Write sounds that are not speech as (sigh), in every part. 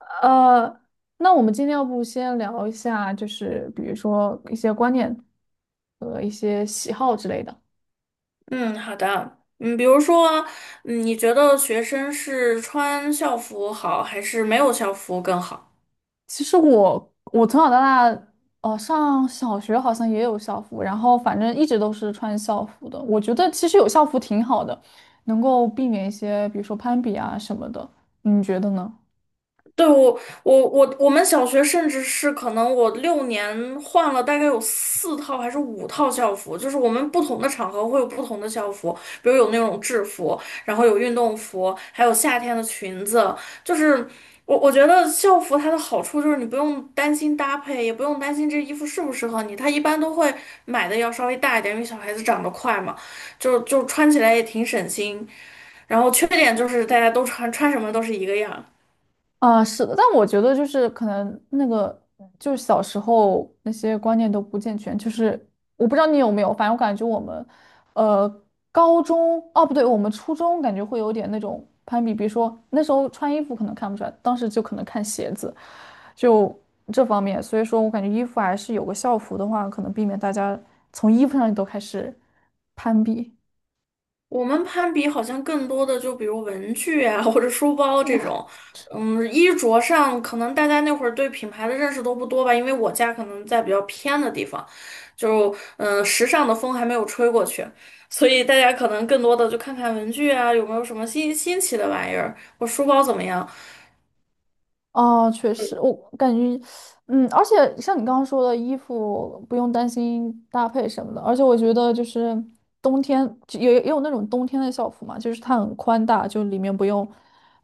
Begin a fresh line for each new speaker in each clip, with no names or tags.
呃，那我们今天要不先聊一下，就是比如说一些观念和一些喜好之类的。
嗯，好的。嗯，比如说，你觉得学生是穿校服好，还是没有校服更好？
其实我从小到大，上小学好像也有校服，然后反正一直都是穿校服的。我觉得其实有校服挺好的，能够避免一些比如说攀比啊什么的。你觉得呢？
对，我们小学甚至是可能我6年换了大概有4套还是5套校服，就是我们不同的场合会有不同的校服，比如有那种制服，然后有运动服，还有夏天的裙子。就是我觉得校服它的好处就是你不用担心搭配，也不用担心这衣服适不适合你，它一般都会买的要稍微大一点，因为小孩子长得快嘛，就穿起来也挺省心。然后缺点就是大家都穿什么都是一个样。
啊，是的，但我觉得就是可能那个就是小时候那些观念都不健全，就是我不知道你有没有，反正我感觉我们，呃，高中哦不对，我们初中感觉会有点那种攀比，比如说那时候穿衣服可能看不出来，当时就可能看鞋子，就这方面，所以说我感觉衣服还是有个校服的话，可能避免大家从衣服上都开始攀比。
我们攀比好像更多的就比如文具啊，或者书包这种，衣着上可能大家那会儿对品牌的认识都不多吧，因为我家可能在比较偏的地方，就时尚的风还没有吹过去，所以大家可能更多的就看看文具啊，有没有什么新奇的玩意儿，我书包怎么样。
哦，确实，我感觉，嗯，而且像你刚刚说的，衣服不用担心搭配什么的，而且我觉得就是冬天就也有那种冬天的校服嘛，就是它很宽大，就里面不用，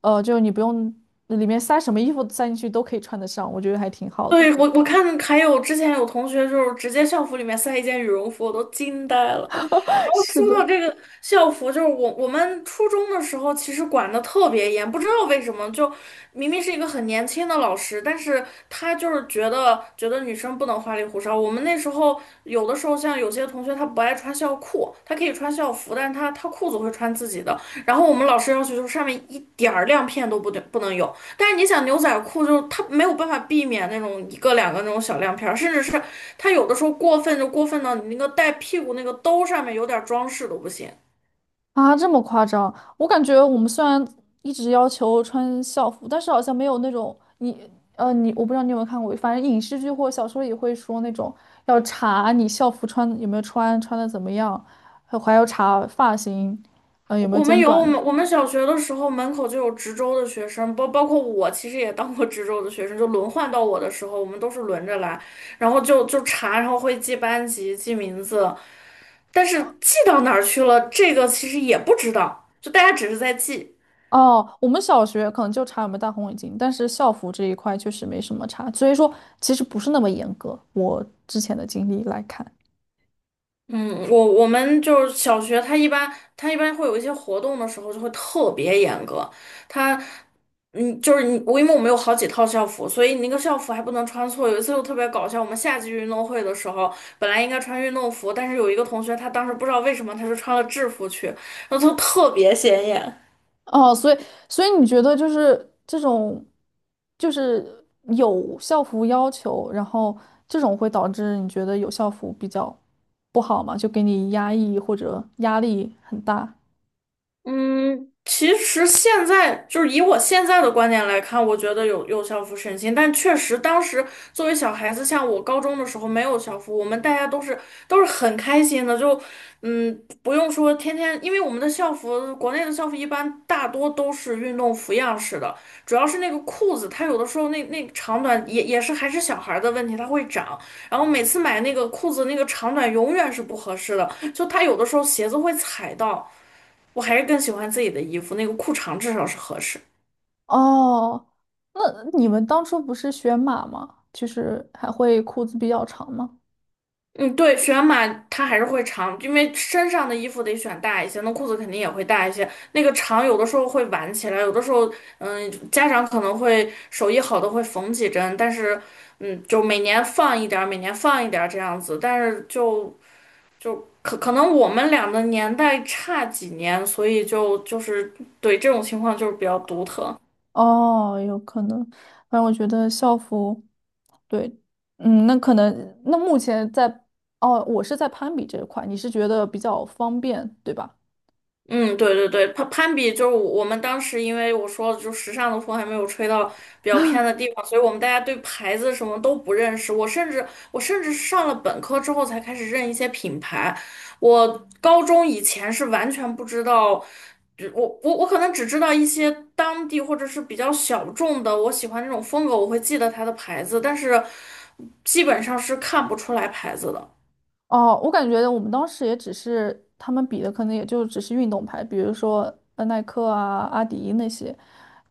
就你不用里面塞什么衣服塞进去都可以穿得上，我觉得还挺好的。
对，我看还有之前有同学就是直接校服里面塞一件羽绒服，我都惊呆了。然
(laughs)
后
是
说
的。
到这个校服，就是我们初中的时候其实管得特别严，不知道为什么就明明是一个很年轻的老师，但是他就是觉得女生不能花里胡哨。我们那时候有的时候像有些同学他不爱穿校裤，他可以穿。穿校服，但是他裤子会穿自己的。然后我们老师要求就是上面一点儿亮片都不对不能有。但是你想牛仔裤就是它没有办法避免那种一个两个那种小亮片甚至是它有的时候过分就过分到你那个带屁股那个兜上面有点装饰都不行。
啊，这么夸张？我感觉我们虽然一直要求穿校服，但是好像没有那种你我不知道你有没有看过，反正影视剧或小说也会说那种要查你校服穿有没有穿，穿的怎么样，还要查发型，有没有
我们
剪
有我
短。
们我们小学的时候门口就有值周的学生，包括我其实也当过值周的学生，就轮换到我的时候，我们都是轮着来，然后就查，然后会记班级、记名字，但是
哦，
记到哪儿去了，这个其实也不知道，就大家只是在记。
哦我们小学可能就查有没有戴红领巾，但是校服这一块确实没什么查，所以说其实不是那么严格。我之前的经历来看。
嗯，我们就是小学，他一般会有一些活动的时候就会特别严格，他，嗯，就是你我因为我们有好几套校服，所以你那个校服还不能穿错。有一次就特别搞笑，我们夏季运动会的时候，本来应该穿运动服，但是有一个同学他当时不知道为什么他就穿了制服去，然后就特别显眼。
哦，所以所以你觉得就是这种，就是有校服要求，然后这种会导致你觉得有校服比较不好吗？就给你压抑或者压力很大。
嗯，其实现在就是以我现在的观点来看，我觉得有校服省心，但确实当时作为小孩子，像我高中的时候没有校服，我们大家都是很开心的，就不用说天天，因为我们的校服，国内的校服一般大多都是运动服样式的，主要是那个裤子，它有的时候那长短也是还是小孩儿的问题，它会长，然后每次买那个裤子那个长短永远是不合适的，就它有的时候鞋子会踩到。我还是更喜欢自己的衣服，那个裤长至少是合适。
哦，那你们当初不是选码吗？就是还会裤子比较长吗？
嗯，对，选码它还是会长，因为身上的衣服得选大一些，那裤子肯定也会大一些。那个长有的时候会挽起来，有的时候，家长可能会手艺好的会缝几针，但是，就每年放一点儿，每年放一点儿这样子。但是就可能我们俩的年代差几年，所以就是对这种情况就是比较独特。
哦，有可能。反正我觉得校服，对，嗯，那可能那目前在，哦，我是在攀比这一块，你是觉得比较方便，对吧？
嗯，对对对，攀比就是我们当时，因为我说了，就时尚的风还没有吹到比较偏的地方，所以我们大家对牌子什么都不认识。我甚至是上了本科之后才开始认一些品牌，我高中以前是完全不知道，就我可能只知道一些当地或者是比较小众的，我喜欢那种风格，我会记得它的牌子，但是基本上是看不出来牌子的。
哦，我感觉我们当时也只是他们比的，可能也就只是运动牌，比如说耐克啊、阿迪那些，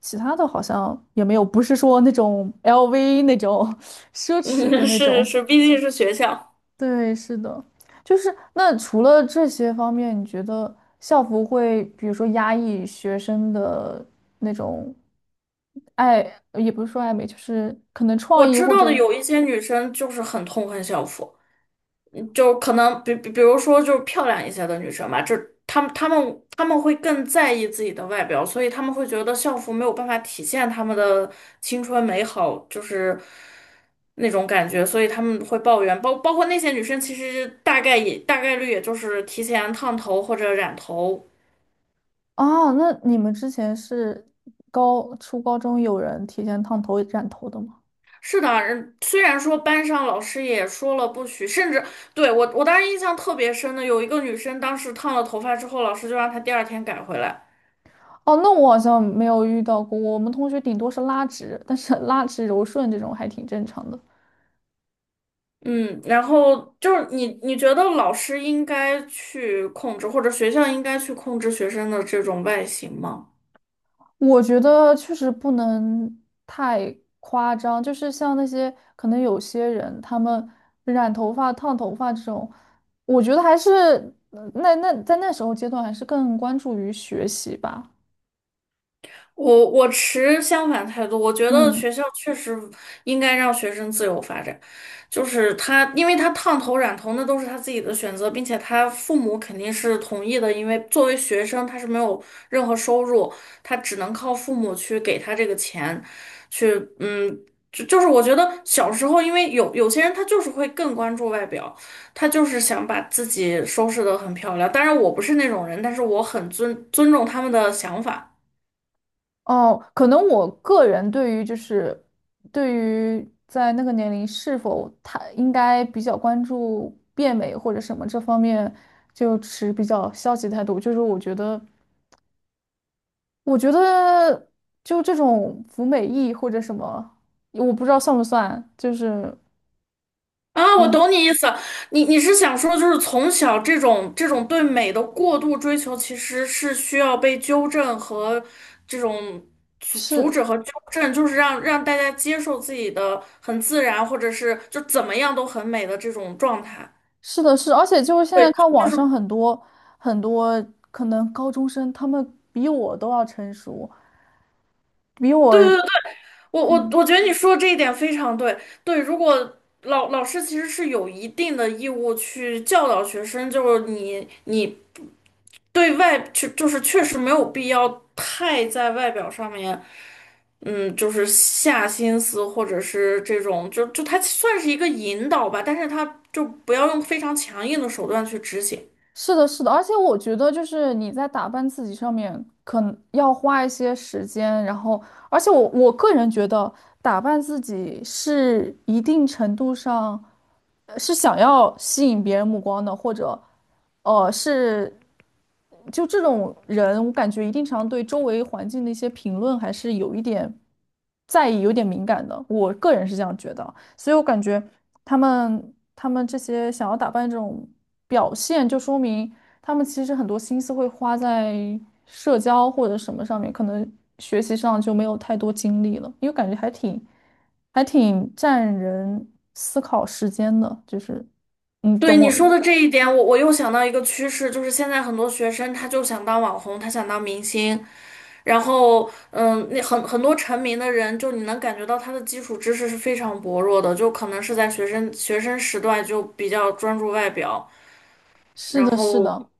其他的好像也没有，不是说那种 LV 那种 (laughs) 奢
(laughs)
侈
嗯，
的
是
那
是
种。
是，毕竟是学校。
对，是的，就是那除了这些方面，你觉得校服会比如说压抑学生的那种爱，也不是说爱美，就是可能
我
创意
知
或
道的
者。
有一些女生就是很痛恨校服，就可能比如说就是漂亮一些的女生吧，就她们会更在意自己的外表，所以她们会觉得校服没有办法体现她们的青春美好，就是那种感觉，所以她们会抱怨，包括那些女生其实大概也大概率也就是提前烫头或者染头。
哦，那你们之前是高，初高中有人提前烫头染头的吗？
是的，虽然说班上老师也说了不许，甚至对我，我当时印象特别深的有一个女生，当时烫了头发之后，老师就让她第二天改回来。
哦，那我好像没有遇到过，我们同学顶多是拉直，但是 (laughs) 拉直柔顺这种还挺正常的。
嗯，然后就是你觉得老师应该去控制，或者学校应该去控制学生的这种外形吗？
我觉得确实不能太夸张，就是像那些可能有些人他们染头发、烫头发这种，我觉得还是呃那那在那时候阶段还是更关注于学习吧。
我持相反态度，我觉得
嗯。
学校确实应该让学生自由发展，就是他，因为他烫头染头那都是他自己的选择，并且他父母肯定是同意的，因为作为学生他是没有任何收入，他只能靠父母去给他这个钱，去嗯，就是我觉得小时候，因为有些人他就是会更关注外表，他就是想把自己收拾得很漂亮，当然我不是那种人，但是我很尊重他们的想法。
哦，可能我个人对于就是对于在那个年龄是否他应该比较关注变美或者什么这方面，就持比较消极态度。就是我觉得，我觉得就这种服美役或者什么，我不知道算不算，就是
啊，我
嗯，
懂你意思，你是想说，就是从小这种对美的过度追求，其实是需要被纠正和这种阻阻
是
止和纠正，就是让大家接受自己的很自然，或者是就怎么样都很美的这种状态。
是的，而且就是现在
对，
看
就
网
是
上很多很多可能高中生，他们比我都要成熟，比我
对对对，我
嗯。
觉得你说这一点非常对。对，如果老师其实是有一定的义务去教导学生，就是你。对外就是确实没有必要太在外表上面，就是下心思或者是这种，就他算是一个引导吧，但是他就不要用非常强硬的手段去执行。
是的，是的，而且我觉得就是你在打扮自己上面，可能要花一些时间，然后，而且我个人觉得打扮自己是一定程度上是想要吸引别人目光的，或者，是就这种人，我感觉一定常对周围环境的一些评论还是有一点在意，有点敏感的。我个人是这样觉得，所以我感觉他们这些想要打扮这种表现，就说明他们其实很多心思会花在社交或者什么上面，可能学习上就没有太多精力了，因为感觉还挺占人思考时间的，就是你
对
懂
你
我，
说的这一点，我又想到一个趋势，就是现在很多学生他就想当网红，他想当明星，然后那很多成名的人，就你能感觉到他的基础知识是非常薄弱的，就可能是在学生时段就比较专注外表，
是
然
的，是的。
后。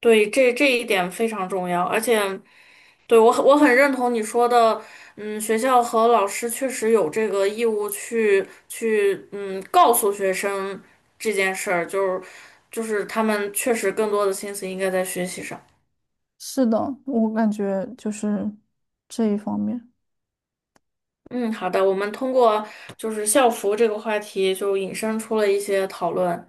对，这一点非常重要，而且对我很认同你说的。学校和老师确实有这个义务去告诉学生这件事儿，就是他们确实更多的心思应该在学习上。
是的，我感觉就是这一方面。
嗯，好的，我们通过就是校服这个话题就引申出了一些讨论。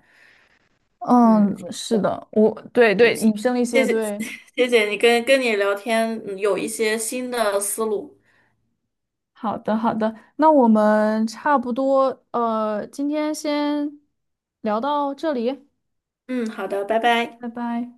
嗯，
嗯，是的，我对对，引申了一
谢
些
谢
对。
(laughs) 谢谢你跟你聊天，有一些新的思路。
好的，好的，那我们差不多，今天先聊到这里，
嗯，好的，拜拜。
拜拜。